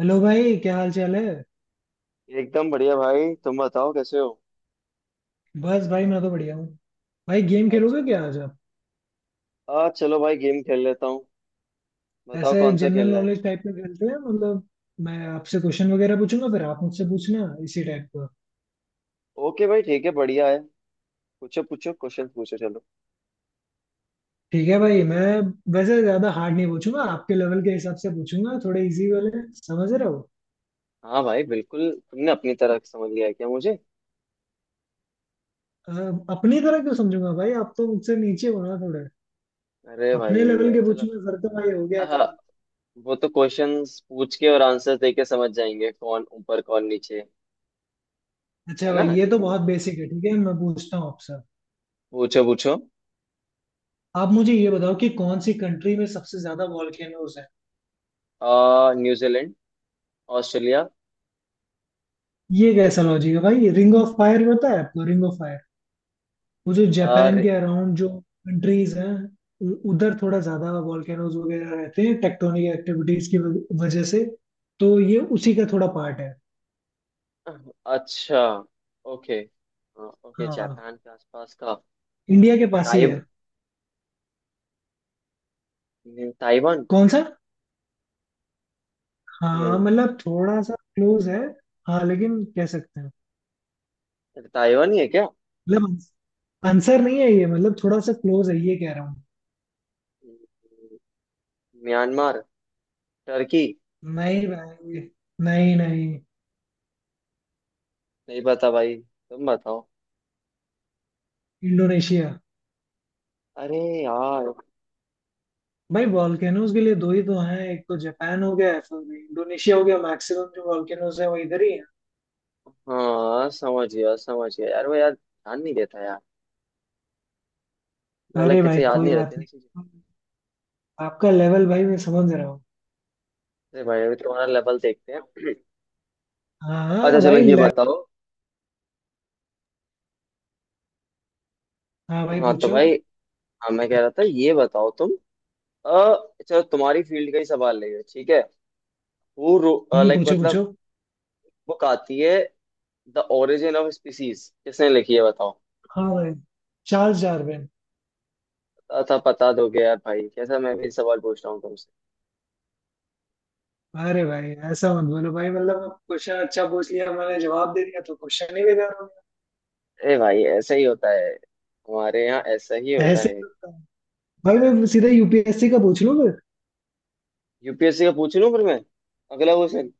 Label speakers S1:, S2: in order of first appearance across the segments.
S1: Hello भाई, क्या हाल चाल है।
S2: एकदम बढ़िया भाई। तुम बताओ कैसे हो।
S1: बस भाई, मैं तो बढ़िया हूँ। भाई, गेम खेलोगे
S2: अच्छा।
S1: क्या आज आप?
S2: आ चलो भाई गेम खेल लेता हूँ। बताओ
S1: ऐसे
S2: कौन सा
S1: जनरल
S2: खेलना है।
S1: नॉलेज टाइप का खेलते हैं, मतलब मैं आपसे क्वेश्चन वगैरह पूछूंगा, फिर आप मुझसे पूछना इसी टाइप का।
S2: ओके भाई, ठीक है, बढ़िया है। पूछो पूछो, क्वेश्चन पूछो, चलो।
S1: ठीक है भाई, मैं वैसे ज्यादा हार्ड नहीं पूछूंगा, आपके लेवल के हिसाब से पूछूंगा थोड़े इजी वाले। समझ रहे हो?
S2: हाँ भाई बिल्कुल। तुमने अपनी तरह समझ लिया है क्या मुझे?
S1: अ, अपनी तरह क्यों समझूंगा भाई, आप तो मुझसे नीचे हो ना थोड़े।
S2: अरे
S1: अपने
S2: भाई
S1: लेवल के
S2: चलो।
S1: पूछूंगा फिर तो भाई हो गया
S2: आहा,
S1: काम।
S2: वो तो क्वेश्चंस पूछ के और आंसर दे के समझ जाएंगे कौन ऊपर कौन नीचे।
S1: अच्छा
S2: है
S1: भाई,
S2: ना,
S1: ये तो
S2: ठीक है।
S1: बहुत बेसिक है। ठीक है, मैं पूछता हूँ आपसे।
S2: पूछो पूछो।
S1: आप मुझे ये बताओ कि कौन सी कंट्री में सबसे ज्यादा वॉल्केनोज है?
S2: आ न्यूजीलैंड। ऑस्ट्रेलिया।
S1: ये कैसा लॉजिक है भाई? रिंग ऑफ फायर पता है आपको? रिंग ऑफ फायर, वो जो जापान के
S2: अरे।
S1: अराउंड जो कंट्रीज हैं, उधर थोड़ा ज्यादा वॉल्केनोज वगैरह रहते हैं टेक्टोनिक एक्टिविटीज की वजह से। तो ये उसी का थोड़ा पार्ट है।
S2: अच्छा। ओके। हाँ, ओके,
S1: हाँ,
S2: जापान के आसपास का।
S1: इंडिया के पास ही है।
S2: ताइव नहीं, ताइवान।
S1: कौन सा? हाँ
S2: नहीं।
S1: मतलब थोड़ा सा क्लोज है। हाँ, लेकिन कह सकते हैं।
S2: अरे, ताइवान ही है क्या?
S1: मतलब आंसर नहीं है ये, मतलब थोड़ा सा क्लोज है ये कह रहा हूँ।
S2: हम्म, म्यांमार। टर्की।
S1: नहीं भाई, नहीं नहीं।
S2: नहीं पता भाई, तुम बताओ।
S1: इंडोनेशिया।
S2: अरे यार।
S1: भाई, वॉल्केनोज के लिए दो ही तो हैं, एक तो जापान हो गया, फिर इंडोनेशिया हो गया। मैक्सिमम जो वॉल्केनोज है वो इधर ही है।
S2: हाँ, समझ गया यार, वो यार ध्यान नहीं देता यार। मतलब
S1: अरे
S2: लाइक
S1: भाई,
S2: कैसे याद
S1: कोई
S2: नहीं
S1: बात
S2: रहती ना चीजें।
S1: नहीं। आपका लेवल भाई मैं समझ रहा हूँ।
S2: अरे भाई अभी तुम्हारा लेवल देखते हैं।
S1: हाँ
S2: अच्छा
S1: हाँ
S2: चलो,
S1: भाई
S2: ये बताओ।
S1: हाँ भाई
S2: हाँ तो
S1: पूछो।
S2: भाई, हाँ मैं कह रहा था, ये बताओ तुम। अ चलो तुम्हारी फील्ड का ही सवाल लेंगे, ठीक है। वो लाइक
S1: पूछो
S2: मतलब,
S1: पूछो।
S2: बुक आती है द ओरिजिन ऑफ स्पीसीज, किसने लिखी है बताओ।
S1: हाँ भाई, चार्ल्स डार्विन।
S2: था पता, दोगे यार भाई, कैसा मैं भी सवाल पूछ रहा हूँ तुमसे।
S1: अरे भाई, ऐसा मत बोलो भाई। मतलब क्वेश्चन अच्छा पूछ लिया, मैंने जवाब दे दिया तो क्वेश्चन ही बेकार हो
S2: ए भाई, ऐसा ही होता है, हमारे यहाँ ऐसा ही
S1: गया।
S2: होता
S1: ऐसे
S2: है।
S1: ही होता है। भाई मैं सीधा यूपीएससी का पूछ लूँ फिर।
S2: यूपीएससी का पूछ लूँ फिर मैं। अगला क्वेश्चन।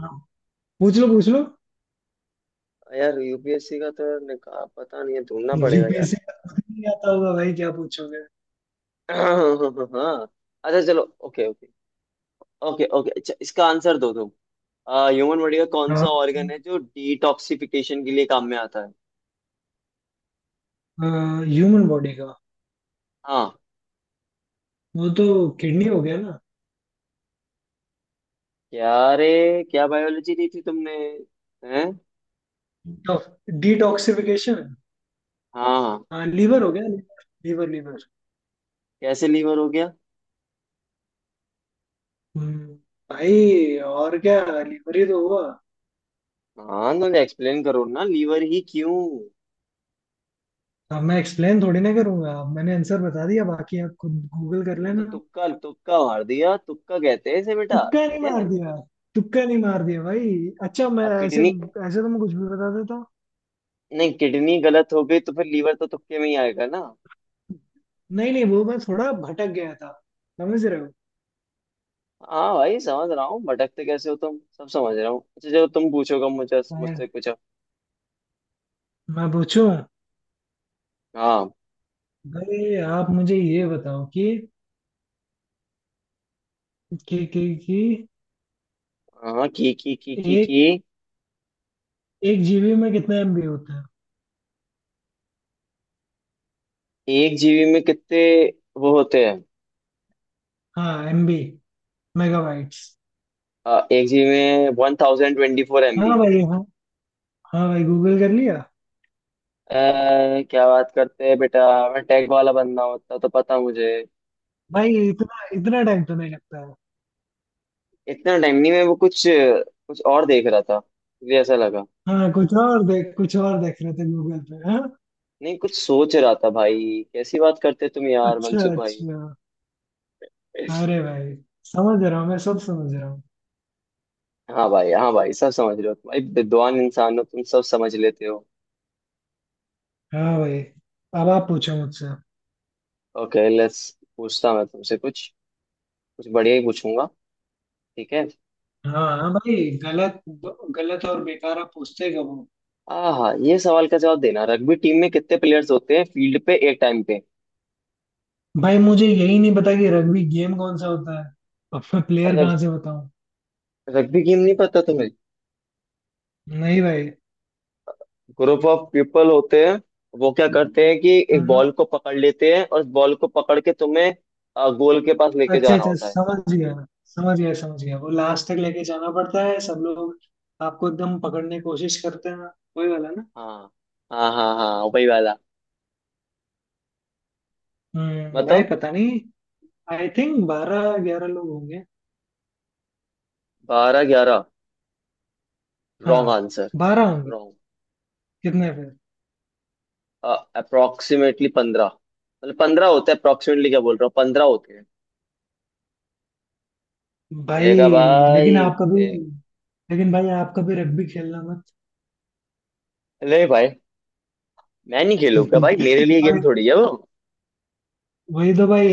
S1: हाँ, पूछ लो पूछ लो।
S2: यार यूपीएससी का तो यार निका पता नहीं है, ढूंढना पड़ेगा यार।
S1: यूपीएससी का खुद ही नहीं आता होगा भाई, क्या पूछोगे?
S2: हाँ। अच्छा चलो, ओके ओके। ओके ओके, अच्छा इसका आंसर दो तुम। ह्यूमन बॉडी का कौन
S1: हाँ।
S2: सा ऑर्गन है जो डिटॉक्सिफिकेशन के लिए काम में आता है?
S1: ह्यूमन बॉडी का।
S2: हाँ।
S1: वो तो किडनी हो गया ना?
S2: क्या? रे, क्या बायोलॉजी दी थी तुमने? हैं?
S1: डिटॉक्सिफिकेशन।
S2: हाँ हाँ।
S1: हाँ, लीवर हो गया। Liver liver.
S2: कैसे लीवर हो गया?
S1: हम्म, भाई और क्या, लीवर ही तो हुआ।
S2: हाँ तो एक्सप्लेन करो ना, लीवर ही क्यों?
S1: अब मैं एक्सप्लेन थोड़ी ना करूंगा, अब मैंने आंसर बता दिया, बाकी आप खुद गूगल कर
S2: वो तो
S1: लेना।
S2: तुक्का, तुक्का मार दिया। तुक्का कहते हैं इसे बेटा,
S1: तुक्का नहीं
S2: ठीक
S1: मार
S2: है।
S1: दिया। तुक्का नहीं मार दिया भाई। अच्छा मैं
S2: अब
S1: ऐसे,
S2: किडनी।
S1: ऐसे तो मैं कुछ भी बता देता।
S2: नहीं, किडनी गलत हो गई तो फिर लीवर तो तुक्के में ही आएगा ना।
S1: नहीं नहीं, वो मैं थोड़ा भटक गया था। समझ रहे हो?
S2: हाँ भाई समझ रहा हूँ, भटकते कैसे हो तुम सब समझ रहा हूँ। अच्छा जो तुम पूछोगा मुझे,
S1: मैं
S2: मुझसे कुछ अब।
S1: मैं पूछूं?
S2: हाँ
S1: भाई आप मुझे ये बताओ कि कि कि, कि
S2: हाँ की
S1: एक
S2: की।
S1: एक जीबी में कितना एमबी होता है?
S2: एक जीबी में कितने वो होते हैं?
S1: हाँ, एमबी, मेगाबाइट्स।
S2: एक जीबी में वन थाउजेंड ट्वेंटी फोर
S1: हाँ
S2: एमबी
S1: भाई हाँ। हाँ भाई, गूगल कर लिया।
S2: क्या बात करते हैं बेटा। मैं टेक वाला बंदा होता तो पता मुझे।
S1: भाई, इतना इतना टाइम तो नहीं लगता है।
S2: इतना टाइम नहीं, मैं वो कुछ, कुछ और देख रहा था, मुझे ऐसा लगा।
S1: हाँ, कुछ और देख रहे थे गूगल पे, हाँ।
S2: नहीं, कुछ सोच रहा था भाई। कैसी बात करते तुम यार,
S1: अच्छा
S2: मनसुख भाई।
S1: अच्छा। अरे भाई, समझ रहा हूँ, मैं सब समझ रहा हूँ।
S2: हाँ भाई, हाँ भाई, सब समझ रहे हो तुम भाई, विद्वान इंसान हो तुम, सब समझ लेते हो।
S1: हाँ भाई। अब आप पूछो मुझसे।
S2: Okay let's. पूछता मैं तुमसे कुछ, कुछ बढ़िया ही पूछूंगा, ठीक है।
S1: हाँ हाँ भाई। गलत गलत और बेकार आप पूछते कब हो?
S2: हाँ हाँ, ये सवाल का जवाब देना। रग्बी टीम में कितने प्लेयर्स होते हैं फील्ड पे एक टाइम पे?
S1: भाई, मुझे यही नहीं पता कि रग्बी गेम कौन सा होता है, अब मैं प्लेयर
S2: रग,
S1: कहाँ से बताऊँ?
S2: रग्बी गेम नहीं पता तुम्हें?
S1: नहीं भाई।
S2: ग्रुप ऑफ पीपल होते हैं। वो क्या करते हैं कि एक बॉल को पकड़ लेते हैं और उस बॉल को पकड़ के तुम्हें गोल के पास लेके
S1: अच्छा
S2: जाना
S1: अच्छा,
S2: होता है।
S1: समझ गया। समझ गया समझ गया। वो लास्ट तक लेके जाना पड़ता है, सब लोग आपको एकदम पकड़ने की कोशिश करते हैं, वही वाला ना?
S2: हाँ हाँ हाँ हाँ, वही वाला।
S1: भाई
S2: बताओ।
S1: पता नहीं। आई थिंक 12 11 लोग होंगे।
S2: 12, 11? रॉन्ग
S1: हाँ,
S2: आंसर।
S1: 12 होंगे।
S2: रॉन्ग।
S1: कितने फिर?
S2: अप्रोक्सीमेटली 15। मतलब 15 होते हैं, अप्रोक्सीमेटली, क्या बोल रहा हूँ, 15 होते हैं।
S1: भाई,
S2: देखा
S1: लेकिन
S2: भाई।
S1: आप कभी
S2: दे-
S1: लेकिन भाई आप कभी रग्बी खेलना मत।
S2: ले भाई। मैं नहीं खेलूंगा भाई, मेरे लिए
S1: भाई,
S2: गेम थोड़ी है वो।
S1: वही तो भाई।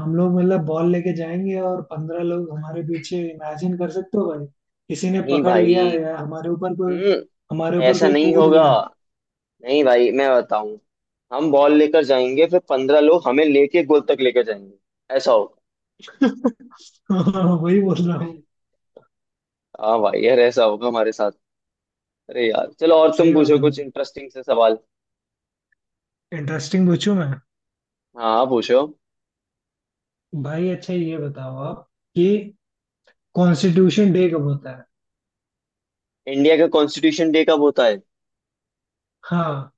S1: हम लोग मतलब बॉल लेके जाएंगे और 15 लोग हमारे पीछे, इमेजिन कर सकते हो भाई? किसी ने
S2: नहीं
S1: पकड़
S2: भाई।
S1: लिया या हमारे ऊपर कोई
S2: हम्म।
S1: हमारे ऊपर
S2: ऐसा
S1: कोई
S2: नहीं
S1: कूद
S2: होगा।
S1: गया।
S2: नहीं भाई, मैं बताऊं। हम बॉल लेकर जाएंगे, फिर 15 लोग हमें लेके गोल तक लेकर जाएंगे। ऐसा होगा।
S1: वही बोल रहा हूँ।
S2: हाँ भाई यार, ऐसा होगा हमारे साथ। अरे यार चलो, और तुम
S1: सही बात
S2: पूछो
S1: है
S2: कुछ
S1: भाई।
S2: इंटरेस्टिंग से सवाल।
S1: इंटरेस्टिंग पूछूं मैं?
S2: हाँ हाँ, पूछो।
S1: भाई अच्छा ये बताओ आप, कि कॉन्स्टिट्यूशन डे कब होता है?
S2: इंडिया का कॉन्स्टिट्यूशन डे कब होता है?
S1: हाँ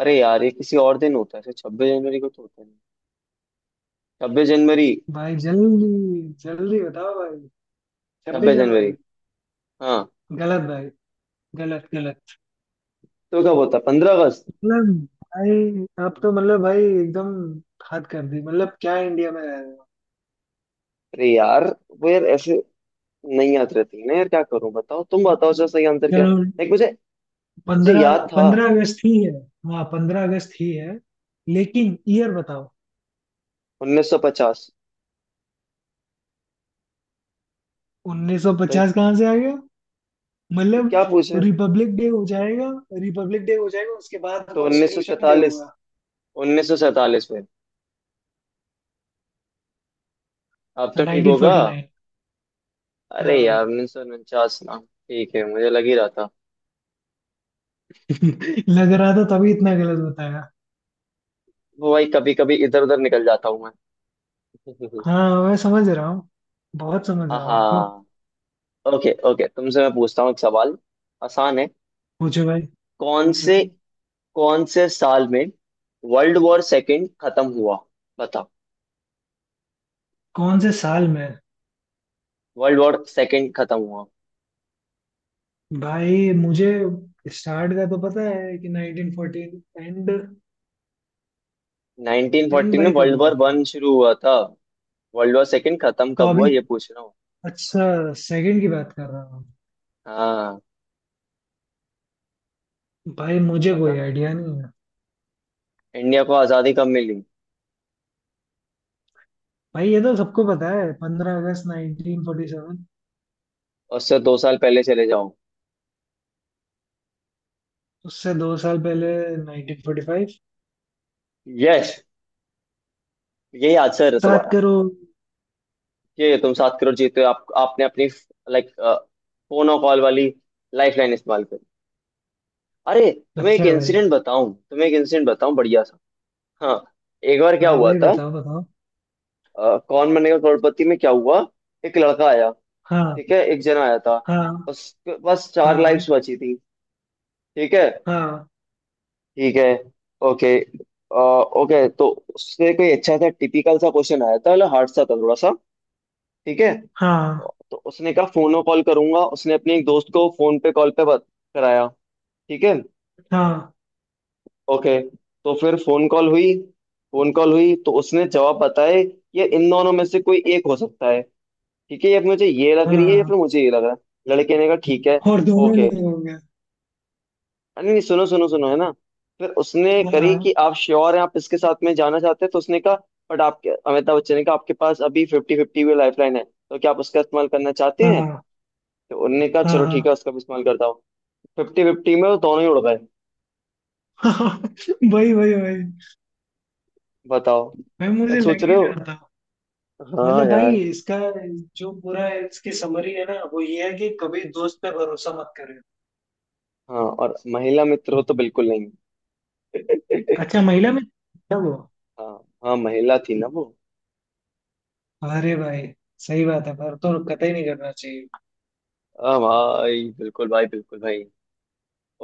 S2: अरे यार, ये किसी और दिन होता है, 26 जनवरी को तो होता नहीं। 26 जनवरी।
S1: भाई, जल्दी जल्दी बताओ भाई। छब्बीस
S2: 26 जनवरी।
S1: जनवरी
S2: हाँ।
S1: गलत भाई। गलत गलत।
S2: तो कब होता है, 15 अगस्त?
S1: मतलब भाई, आप तो मतलब भाई एकदम हद कर दी। मतलब क्या इंडिया में रह रहे हो?
S2: अरे यार, वो यार ऐसे नहीं याद रहती है ना यार, क्या करूं। बताओ तुम, बताओ सर, सही आंसर क्या है।
S1: चलो,
S2: देख मुझे। मुझे
S1: पंद्रह
S2: याद था।
S1: पंद्रह अगस्त ही है। हाँ, 15 अगस्त ही है, लेकिन ईयर बताओ।
S2: 1950।
S1: 1950 कहाँ से आ गया?
S2: तो
S1: मतलब
S2: क्या पूछे।
S1: रिपब्लिक डे हो जाएगा। रिपब्लिक डे हो जाएगा उसके बाद
S2: तो
S1: कॉन्स्टिट्यूशन डे होगा।
S2: 1947 में। अब तो ठीक होगा।
S1: 1949।
S2: अरे यार,
S1: हाँ।
S2: 1949 ना। ठीक है, मुझे लग ही रहा था।
S1: लग रहा था तभी इतना गलत बताया।
S2: वो भाई, कभी कभी इधर उधर निकल जाता हूँ मैं।
S1: हाँ, मैं समझ रहा हूँ, बहुत समझ रहा हूँ आपको।
S2: हाँ। ओके ओके, तुमसे मैं पूछता हूँ एक सवाल, आसान है।
S1: पूछो भाई।
S2: कौन से
S1: हम्म।
S2: कौन से साल में वर्ल्ड वॉर सेकेंड खत्म हुआ, बताओ?
S1: कौन से साल में?
S2: वर्ल्ड वॉर सेकेंड खत्म हुआ।
S1: भाई मुझे स्टार्ट का तो पता है कि 1914 एंड एंड
S2: 1940 में
S1: भाई कब
S2: वर्ल्ड
S1: हुआ
S2: वॉर
S1: था?
S2: वन शुरू हुआ था। वर्ल्ड वॉर सेकेंड खत्म
S1: तो
S2: कब हुआ,
S1: अभी
S2: ये पूछ रहा हूँ।
S1: अच्छा, सेकंड की बात कर रहा हूँ।
S2: हाँ
S1: भाई मुझे कोई
S2: पता।
S1: आइडिया नहीं है।
S2: इंडिया को आजादी कब मिली?
S1: भाई ये तो सबको पता है, 15 अगस्त 1947।
S2: उससे 2 साल पहले चले जाओ।
S1: उससे 2 साल पहले 1945।
S2: यस, यही आंसर है
S1: सात
S2: तुम्हारा।
S1: करोड़
S2: ये तुम 7 करोड़ जीते हो। आप, आपने अपनी लाइक फोन और कॉल वाली लाइफ लाइन इस्तेमाल करी। अरे, तुम्हें एक
S1: अच्छा भाई।
S2: इंसिडेंट बताऊं, तुम्हें एक इंसिडेंट बताऊं बढ़िया सा। हाँ। एक बार क्या
S1: हाँ
S2: हुआ
S1: भाई,
S2: था।
S1: बताओ बताओ।
S2: कौन बनेगा करोड़पति में क्या हुआ। एक लड़का आया,
S1: हाँ
S2: ठीक है, एक जना आया था।
S1: हाँ
S2: बस, बस चार
S1: हाँ
S2: लाइफ्स बची थी, ठीक है,
S1: हाँ
S2: ठीक है, ओके। ओके तो उससे कोई अच्छा सा टिपिकल सा क्वेश्चन आया था, मतलब हार्ड सा था थोड़ा सा, ठीक है।
S1: हाँ
S2: तो उसने कहा फोन में कॉल करूंगा, उसने अपने एक दोस्त को फोन पे कॉल पे बात कराया, ठीक है,
S1: हाँ
S2: ओके। तो फिर फोन कॉल हुई। फोन कॉल हुई तो उसने जवाब बताए, ये इन दोनों में से कोई एक हो सकता है, ठीक है, ये मुझे ये लग रही है या फिर
S1: हाँ।
S2: मुझे ये लग रहा है, लड़के ने कहा ठीक है,
S1: और दोनों
S2: ओके।
S1: नहीं होंगे।
S2: हाँ, नहीं नहीं, सुनो सुनो सुनो, है ना। फिर उसने करी
S1: हाँ
S2: कि आप श्योर हैं, आप इसके साथ में जाना चाहते हैं, तो उसने कहा, बट आपके अमिताभ बच्चन ने कहा आपके पास अभी 50-50 भी लाइफ लाइन है, तो क्या आप उसका इस्तेमाल करना चाहते हैं।
S1: हाँ
S2: तो उन्होंने कहा
S1: हाँ
S2: चलो
S1: हाँ
S2: ठीक है,
S1: हाँ।
S2: उसका भी इस्तेमाल करता हूँ। 50-50 में वो दोनों ही उड़ गए।
S1: भाई भाई भाई।
S2: बताओ।
S1: भाई
S2: अब
S1: मुझे
S2: सोच
S1: लग ही
S2: रहे हो।
S1: रहा था।
S2: हाँ
S1: मतलब भाई
S2: यार।
S1: इसका जो पूरा इसकी समरी है ना, वो ये है कि कभी दोस्त पे भरोसा मत करें।
S2: हाँ, और महिला मित्र हो तो बिल्कुल नहीं।
S1: अच्छा महिला में, तब वो।
S2: हाँ, हाँ महिला थी ना वो।
S1: अरे भाई, सही बात है, पर तो कतई नहीं करना चाहिए।
S2: हाँ भाई, बिल्कुल भाई, बिल्कुल भाई।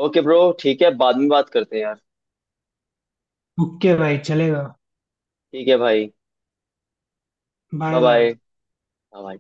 S2: ओके ब्रो, ठीक है, बाद में बात करते हैं यार।
S1: ओके भाई, चलेगा।
S2: ठीक है भाई।
S1: Bye
S2: bye bye.
S1: बाय।
S2: हाँ भाई।